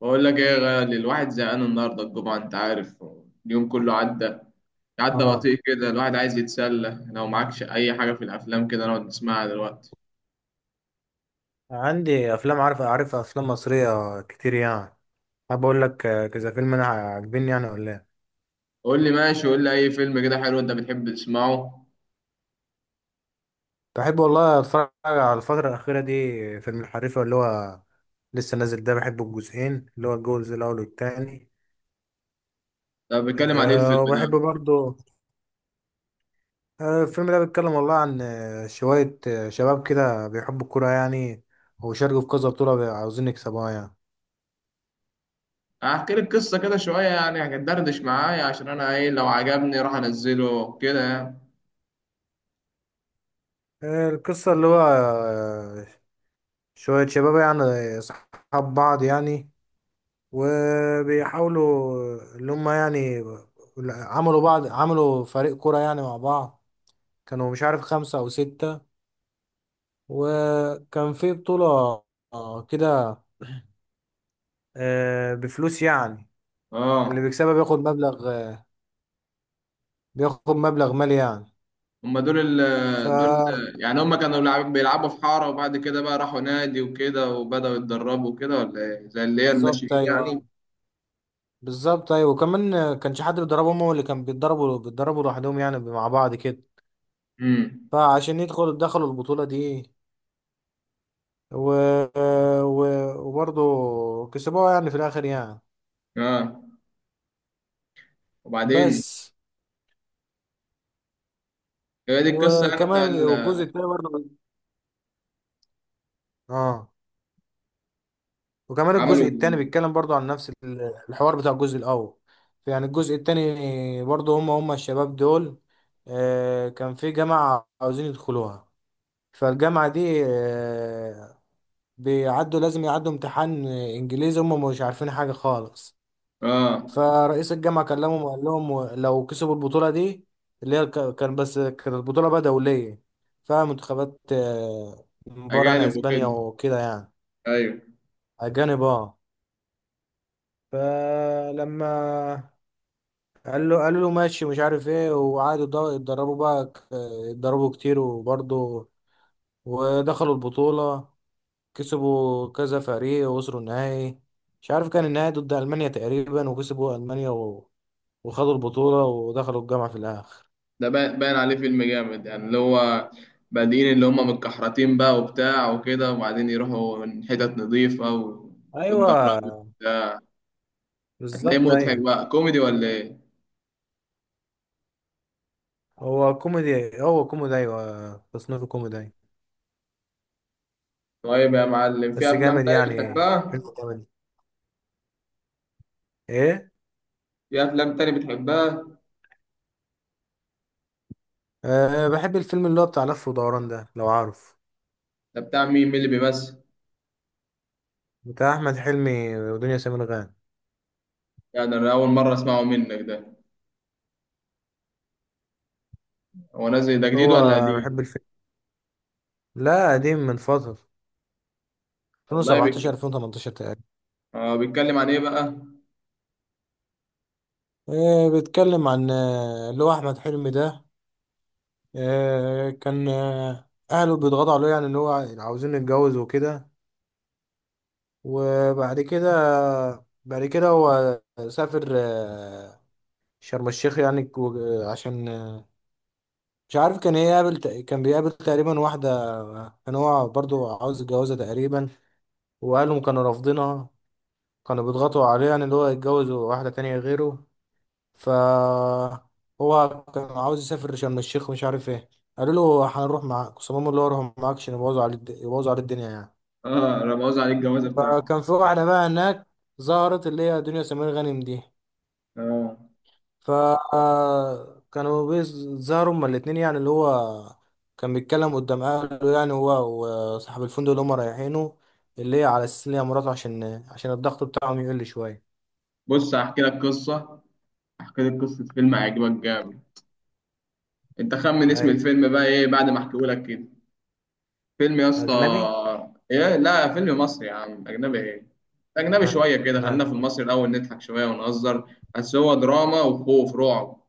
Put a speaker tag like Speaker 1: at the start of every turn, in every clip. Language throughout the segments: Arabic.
Speaker 1: بقول لك ايه يا غالي؟ الواحد زهقان النهارده الجمعه، انت عارف. اليوم كله عدى، عدى
Speaker 2: اه.
Speaker 1: بطيء كده. الواحد عايز يتسلى، لو معكش اي حاجه في الافلام كده نقعد نسمعها دلوقتي.
Speaker 2: عندي افلام، عارف افلام مصريه كتير يعني. حابب اقول لك، كذا فيلم انا عاجبني يعني ولا ايه؟
Speaker 1: قول لي، ماشي، قول لي اي فيلم كده حلو انت بتحب تسمعه.
Speaker 2: بحب والله اتفرج على الفتره الاخيره دي فيلم الحريفه، اللي هو لسه نازل ده. بحبه الجزئين، اللي هو الجزء الاول والتاني.
Speaker 1: طب بيتكلم عن ايه الفيلم
Speaker 2: وبحب
Speaker 1: ده؟
Speaker 2: برضو. الفيلم ده بيتكلم والله عن شويه شباب كده بيحبوا الكوره يعني، وشاركوا في كذا بطوله عاوزين يكسبوها يعني.
Speaker 1: هحكي لك قصه كده شويه يعني، هتدردش معايا عشان انا ايه، لو عجبني راح انزله كده يعني.
Speaker 2: القصه اللي هو شويه شباب يعني، اصحاب بعض يعني، وبيحاولوا اللي هم يعني عملوا فريق كرة يعني مع بعض. كانوا مش عارف خمسة أو ستة، وكان في بطولة كده بفلوس يعني. اللي
Speaker 1: اه.
Speaker 2: بيكسبها بياخد مبلغ مالي يعني.
Speaker 1: هما دول
Speaker 2: ف
Speaker 1: ال دول يعني هما كانوا بيلعبوا في حارة، وبعد كده بقى راحوا نادي وكده وبدأوا يتدربوا وكده، ولا ايه زي اللي هي
Speaker 2: بالظبط
Speaker 1: الناشئين يعني؟
Speaker 2: ايوه، بالظبط ايوه. وكمان كانش حد بيدربهم، هو اللي كان بيتدربوا لوحدهم يعني مع بعض كده.
Speaker 1: امم.
Speaker 2: فعشان دخلوا البطولة دي و... و... وبرضه كسبوها يعني في الاخر يعني.
Speaker 1: اه. وبعدين؟
Speaker 2: بس.
Speaker 1: هي دي القصه يعني بتاع
Speaker 2: وكمان الجزء
Speaker 1: ال-.
Speaker 2: التاني برضه اه وكمان
Speaker 1: عملوا.
Speaker 2: الجزء التاني بيتكلم برضه عن نفس الحوار بتاع الجزء الاول. يعني الجزء التاني برضه هم الشباب دول. كان في جامعة عاوزين يدخلوها. فالجامعة دي آه بيعدوا لازم يعدوا امتحان انجليزي هم مش عارفين حاجة خالص.
Speaker 1: اه.
Speaker 2: فرئيس الجامعة كلمهم وقال لهم لو كسبوا البطولة دي، اللي هي كانت البطولة بقى دولية فيها منتخبات من بره يعني،
Speaker 1: اجانب
Speaker 2: اسبانيا
Speaker 1: وكده.
Speaker 2: وكده يعني.
Speaker 1: ايوه.
Speaker 2: اجانب، اه. فلما قالوا له ماشي مش عارف ايه، وقعدوا يتدربوا بقى ك- يتدربوا كتير، وبرضه ودخلوا البطولة. كسبوا كذا فريق ووصلوا النهائي. مش عارف كان النهائي ضد ألمانيا تقريبا، وكسبوا ألمانيا وخدوا البطولة ودخلوا الجامعة في الآخر.
Speaker 1: ده باين عليه فيلم جامد يعني، اللي هو بادئين اللي هم متكحرتين بقى وبتاع وكده، وبعدين يروحوا من حتت نظيفه
Speaker 2: ايوه،
Speaker 1: ويتدربوا. هتلاقيه
Speaker 2: بالظبط
Speaker 1: مضحك
Speaker 2: ايوه.
Speaker 1: بقى كوميدي ولا ايه؟
Speaker 2: هو كوميدي، هو كوميدي، ايوه، تصنيفه كوميدي، أيوة.
Speaker 1: طيب يا معلم، في
Speaker 2: بس
Speaker 1: افلام
Speaker 2: جامد
Speaker 1: تانية
Speaker 2: يعني،
Speaker 1: بتحبها؟
Speaker 2: فيلم جامد. ايه.
Speaker 1: في افلام تانية بتحبها
Speaker 2: بحب الفيلم اللي هو بتاع لف ودوران ده، لو عارف.
Speaker 1: ده بتاع مين اللي بيمثل؟
Speaker 2: بتاع احمد حلمي ودنيا سمير غانم.
Speaker 1: يعني انا اول مره اسمعه منك ده. هو نازل ده جديد
Speaker 2: هو
Speaker 1: ولا
Speaker 2: بحب
Speaker 1: قديم؟
Speaker 2: الفيلم. لا، قديم من فترة،
Speaker 1: والله
Speaker 2: 2017
Speaker 1: بك.
Speaker 2: 2018 تقريبا.
Speaker 1: اه، بيتكلم عن ايه بقى؟
Speaker 2: بيتكلم عن اللي هو احمد حلمي ده، كان اهله بيضغطوا عليه يعني اللي هو عاوزين يتجوز وكده. وبعد كده بعد كده هو سافر شرم الشيخ يعني عشان مش عارف، كان بيقابل تقريبا واحدة كان هو برضو عاوز يتجوزها تقريبا، وأهلهم كانوا رافضينها. كانوا بيضغطوا عليه يعني اللي هو يتجوز واحدة تانية غيره. ف هو كان عاوز يسافر شرم الشيخ ومش عارف ايه. قالوا له هنروح معاك صمام، اللي هو هروح معاك عشان يبوظوا على الدنيا يعني.
Speaker 1: اه، رموز عن الجوازه بتاعته.
Speaker 2: فكان في واحدة بقى هناك، ظهرت اللي هي دنيا سمير غانم دي.
Speaker 1: اه.
Speaker 2: فكانوا بيظهروا هما الاتنين يعني، اللي هو كان بيتكلم قدام اهله يعني، هو وصاحب الفندق اللي هما رايحينه، اللي هي على اساس ان هي مراته عشان الضغط بتاعهم يقل شويه.
Speaker 1: بص هحكي لك قصه فيلم هيعجبك جامد. انت خمن اسم
Speaker 2: اي.
Speaker 1: الفيلم بقى ايه بعد ما احكيه لك كده، فيلم يا اسطى.
Speaker 2: اجنبي.
Speaker 1: ايه؟ لا، فيلم مصري يا عم، اجنبي ايه. اجنبي
Speaker 2: ما
Speaker 1: شويه كده،
Speaker 2: ما
Speaker 1: خلينا في المصري الاول نضحك شويه ونهزر. بس هو دراما وخوف رعب.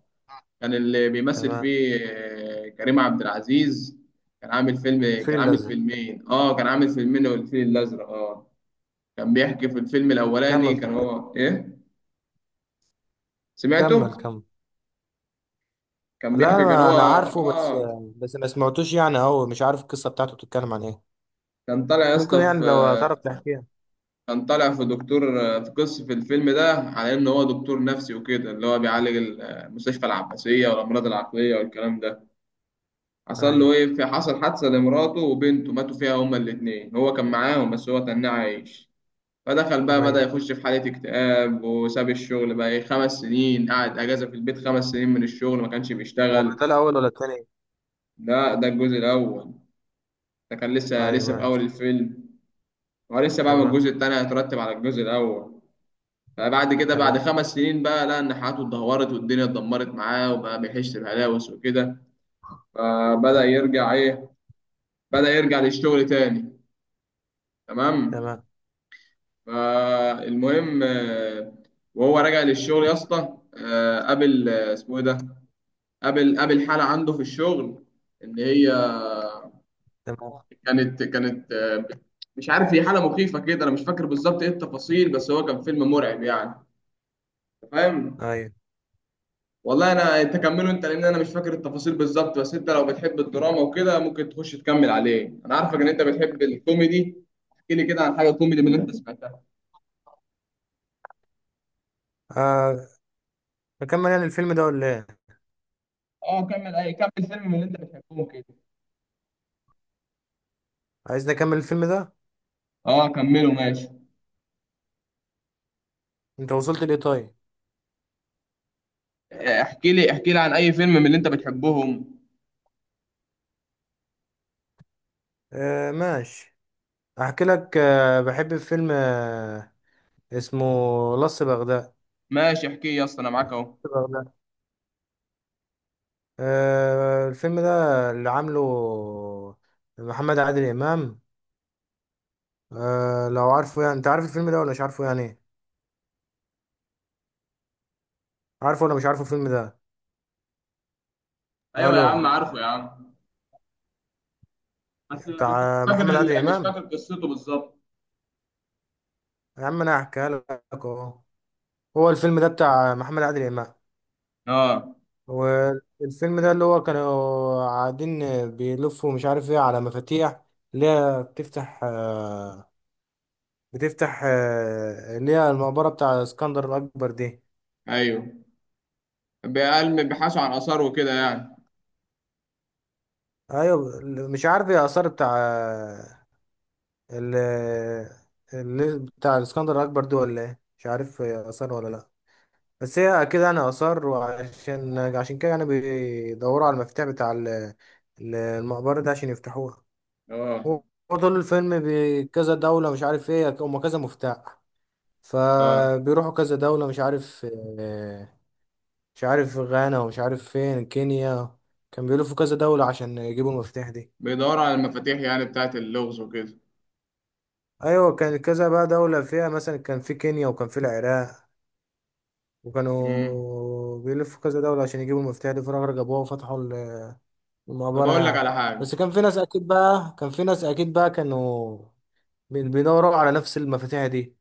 Speaker 1: كان اللي بيمثل
Speaker 2: تمام.
Speaker 1: فيه كريم عبد العزيز.
Speaker 2: الفيل
Speaker 1: كان عامل
Speaker 2: الازرق.
Speaker 1: فيلمين. اه. كان عامل فيلمين والفيل الازرق. اه. كان بيحكي في الفيلم الاولاني،
Speaker 2: كمل
Speaker 1: كان
Speaker 2: طيب.
Speaker 1: هو ايه.
Speaker 2: كمل،
Speaker 1: سمعته.
Speaker 2: كمل.
Speaker 1: كان
Speaker 2: لا
Speaker 1: بيحكي، كان
Speaker 2: انا،
Speaker 1: هو
Speaker 2: عارفه، بس
Speaker 1: اه.
Speaker 2: بس ما سمعتوش يعني، او مش عارف القصه بتاعته بتتكلم عن ايه.
Speaker 1: كان طالع يا
Speaker 2: ممكن
Speaker 1: اسطى في
Speaker 2: يعني لو تعرف تحكيها.
Speaker 1: كان طالع في دكتور. في قصة في الفيلم ده، على ان هو دكتور نفسي وكده، اللي هو بيعالج ال- المستشفى العباسية والامراض العقلية والكلام ده. حصل
Speaker 2: ايوه.
Speaker 1: له ايه في حصل حادثة لمراته وبنته، ماتوا فيها هما الاتنين. هو كان معاهم بس هو تناه عايش. فدخل بقى، بدأ
Speaker 2: ايوه،
Speaker 1: يخش في حالة اكتئاب، وساب الشغل بقى إيه، 5 سنين قعد أجازة في البيت. 5 سنين من الشغل ما كانش
Speaker 2: هو
Speaker 1: بيشتغل.
Speaker 2: ده الاول ولا التاني؟
Speaker 1: ده الجزء الأول. ده كان لسه
Speaker 2: ايوه
Speaker 1: لسه في أول
Speaker 2: ماشي.
Speaker 1: الفيلم. هو لسه بقى، ما
Speaker 2: تمام.
Speaker 1: الجزء التاني هيترتب على الجزء الأول. فبعد كده، بعد
Speaker 2: تمام.
Speaker 1: 5 سنين بقى، لقى إن حياته اتدهورت والدنيا اتدمرت معاه، وبقى بيحس بهلاوس وكده. فبدأ يرجع إيه، بدأ يرجع للشغل تاني. تمام.
Speaker 2: تمام.
Speaker 1: فالمهم وهو راجع للشغل يا اسطى، قابل، اسمه إيه ده، قابل حالة عنده في الشغل، إن هي
Speaker 2: تمام.
Speaker 1: كانت. مش عارف هي حاله مخيفه كده، انا مش فاكر بالظبط ايه التفاصيل، بس هو كان فيلم مرعب يعني. أنت فاهم.
Speaker 2: ايوه.
Speaker 1: والله انا، انت كمله انت، لان انا مش فاكر التفاصيل بالظبط. بس انت لو بتحب الدراما وكده ممكن تخش تكمل عليه. انا عارفك ان انت بتحب الكوميدي. احكي لي كده عن حاجه كوميدي من اللي انت سمعتها.
Speaker 2: آه. نكمل يعني الفيلم ده ولا ايه؟
Speaker 1: اه كمل، اي كمل فيلم من اللي انت بتحبهم كده.
Speaker 2: عايز نكمل الفيلم ده.
Speaker 1: اه كمله ماشي.
Speaker 2: انت وصلت ليه طيب؟
Speaker 1: احكي لي عن اي فيلم من اللي انت بتحبهم.
Speaker 2: آه ماشي. احكي لك، بحب فيلم اسمه لص بغداد.
Speaker 1: ماشي، احكي يا اسطى انا معاك اهو.
Speaker 2: بغداد. الفيلم ده اللي عامله محمد عادل امام. لو عارفه يعني، انت عارف الفيلم ده ولا مش عارفه يعني؟ عارفه ولا مش عارفه الفيلم ده؟
Speaker 1: ايوه يا
Speaker 2: الو.
Speaker 1: عم، عارفه يا عم. بس
Speaker 2: بتاع محمد عادل
Speaker 1: مش
Speaker 2: امام.
Speaker 1: فاكر قصته بالظبط.
Speaker 2: يا عم انا هحكيها لك اهو. هو الفيلم ده بتاع محمد عادل امام.
Speaker 1: اه.
Speaker 2: هو الفيلم ده، اللي هو كانوا قاعدين بيلفوا مش عارف ايه على مفاتيح، اللي هي بتفتح، اللي هي المقبرة بتاع اسكندر الأكبر دي.
Speaker 1: ايوه، بيبحثوا عن آثار وكده يعني.
Speaker 2: أيوة، مش عارف ايه، آثار بتاع آه، ال اللي بتاع الاسكندر الأكبر دي، ولا ايه، مش عارف هي آثار ولا لأ. بس هي أكيد يعني آثار، وعشان كده يعني بيدوروا على المفتاح بتاع المقبرة ده عشان يفتحوها.
Speaker 1: اه.
Speaker 2: هو طول الفيلم بكذا دولة، مش عارف ايه، هما كذا مفتاح.
Speaker 1: اه،
Speaker 2: فبيروحوا كذا دولة مش عارف، آه، مش عارف غانا، ومش عارف فين كينيا. كان بيلفوا كذا دولة عشان يجيبوا المفتاح دي.
Speaker 1: بيدوروا على المفاتيح يعني، بتاعت اللغز وكده.
Speaker 2: ايوه، كان كذا بقى دولة، فيها مثلا كان في كينيا وكان في العراق.
Speaker 1: امم.
Speaker 2: وكانوا بيلفوا كذا دولة عشان يجيبوا المفتاح دي، في الآخر جابوها وفتحوا
Speaker 1: طب
Speaker 2: المقبرة يعني. بس كان في ناس اكيد بقى، كانوا بيدوروا على نفس المفاتيح دي.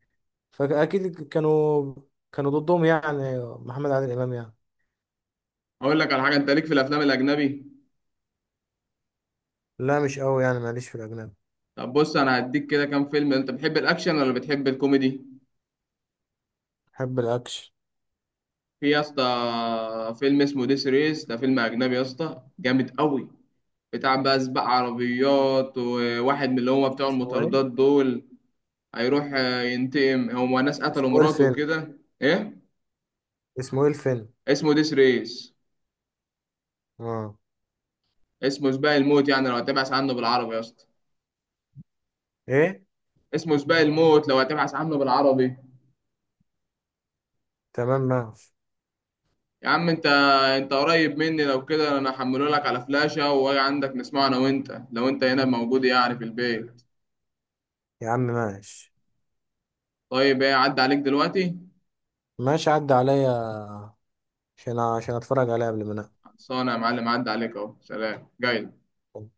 Speaker 2: فاكيد كانوا، كانوا ضدهم يعني، محمد عادل امام يعني.
Speaker 1: أقول لك على حاجة، أنت ليك في الأفلام الأجنبي؟
Speaker 2: لا، مش قوي يعني، معلش، في الاجنبي.
Speaker 1: طب بص، أنا هديك كده كام فيلم. أنت بتحب الأكشن ولا بتحب الكوميدي؟
Speaker 2: بحب الاكشن.
Speaker 1: في يا اسطى فيلم اسمه ديس ريس، ده فيلم أجنبي يا اسطى جامد قوي، بتاع بقى سباق عربيات وواحد من اللي هما بتوع
Speaker 2: اسمه ايه؟
Speaker 1: المطاردات دول. هيروح ينتقم، هما ناس قتلوا
Speaker 2: اسمه ايه
Speaker 1: مراته
Speaker 2: الفيلم
Speaker 1: وكده إيه؟
Speaker 2: اسمه ايه الفيلم؟
Speaker 1: اسمه ديس ريس.
Speaker 2: اه.
Speaker 1: اسمه سباق الموت يعني لو هتبحث عنه بالعربي يا اسطى.
Speaker 2: ايه.
Speaker 1: اسمه سباق الموت لو هتبحث عنه بالعربي.
Speaker 2: تمام ماشي.
Speaker 1: يا عم انت، انت قريب مني لو كده انا هحمله لك على فلاشة واجي عندك نسمعه انا وانت، لو انت هنا موجود يعني في البيت.
Speaker 2: يا عم ماشي.
Speaker 1: طيب ايه عدى عليك دلوقتي؟
Speaker 2: ماشي، عدى عليا عشان اتفرج عليه قبل ما انام.
Speaker 1: خلصانه يا معلم، عدى عليك اهو. سلام، جاي.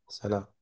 Speaker 2: سلام.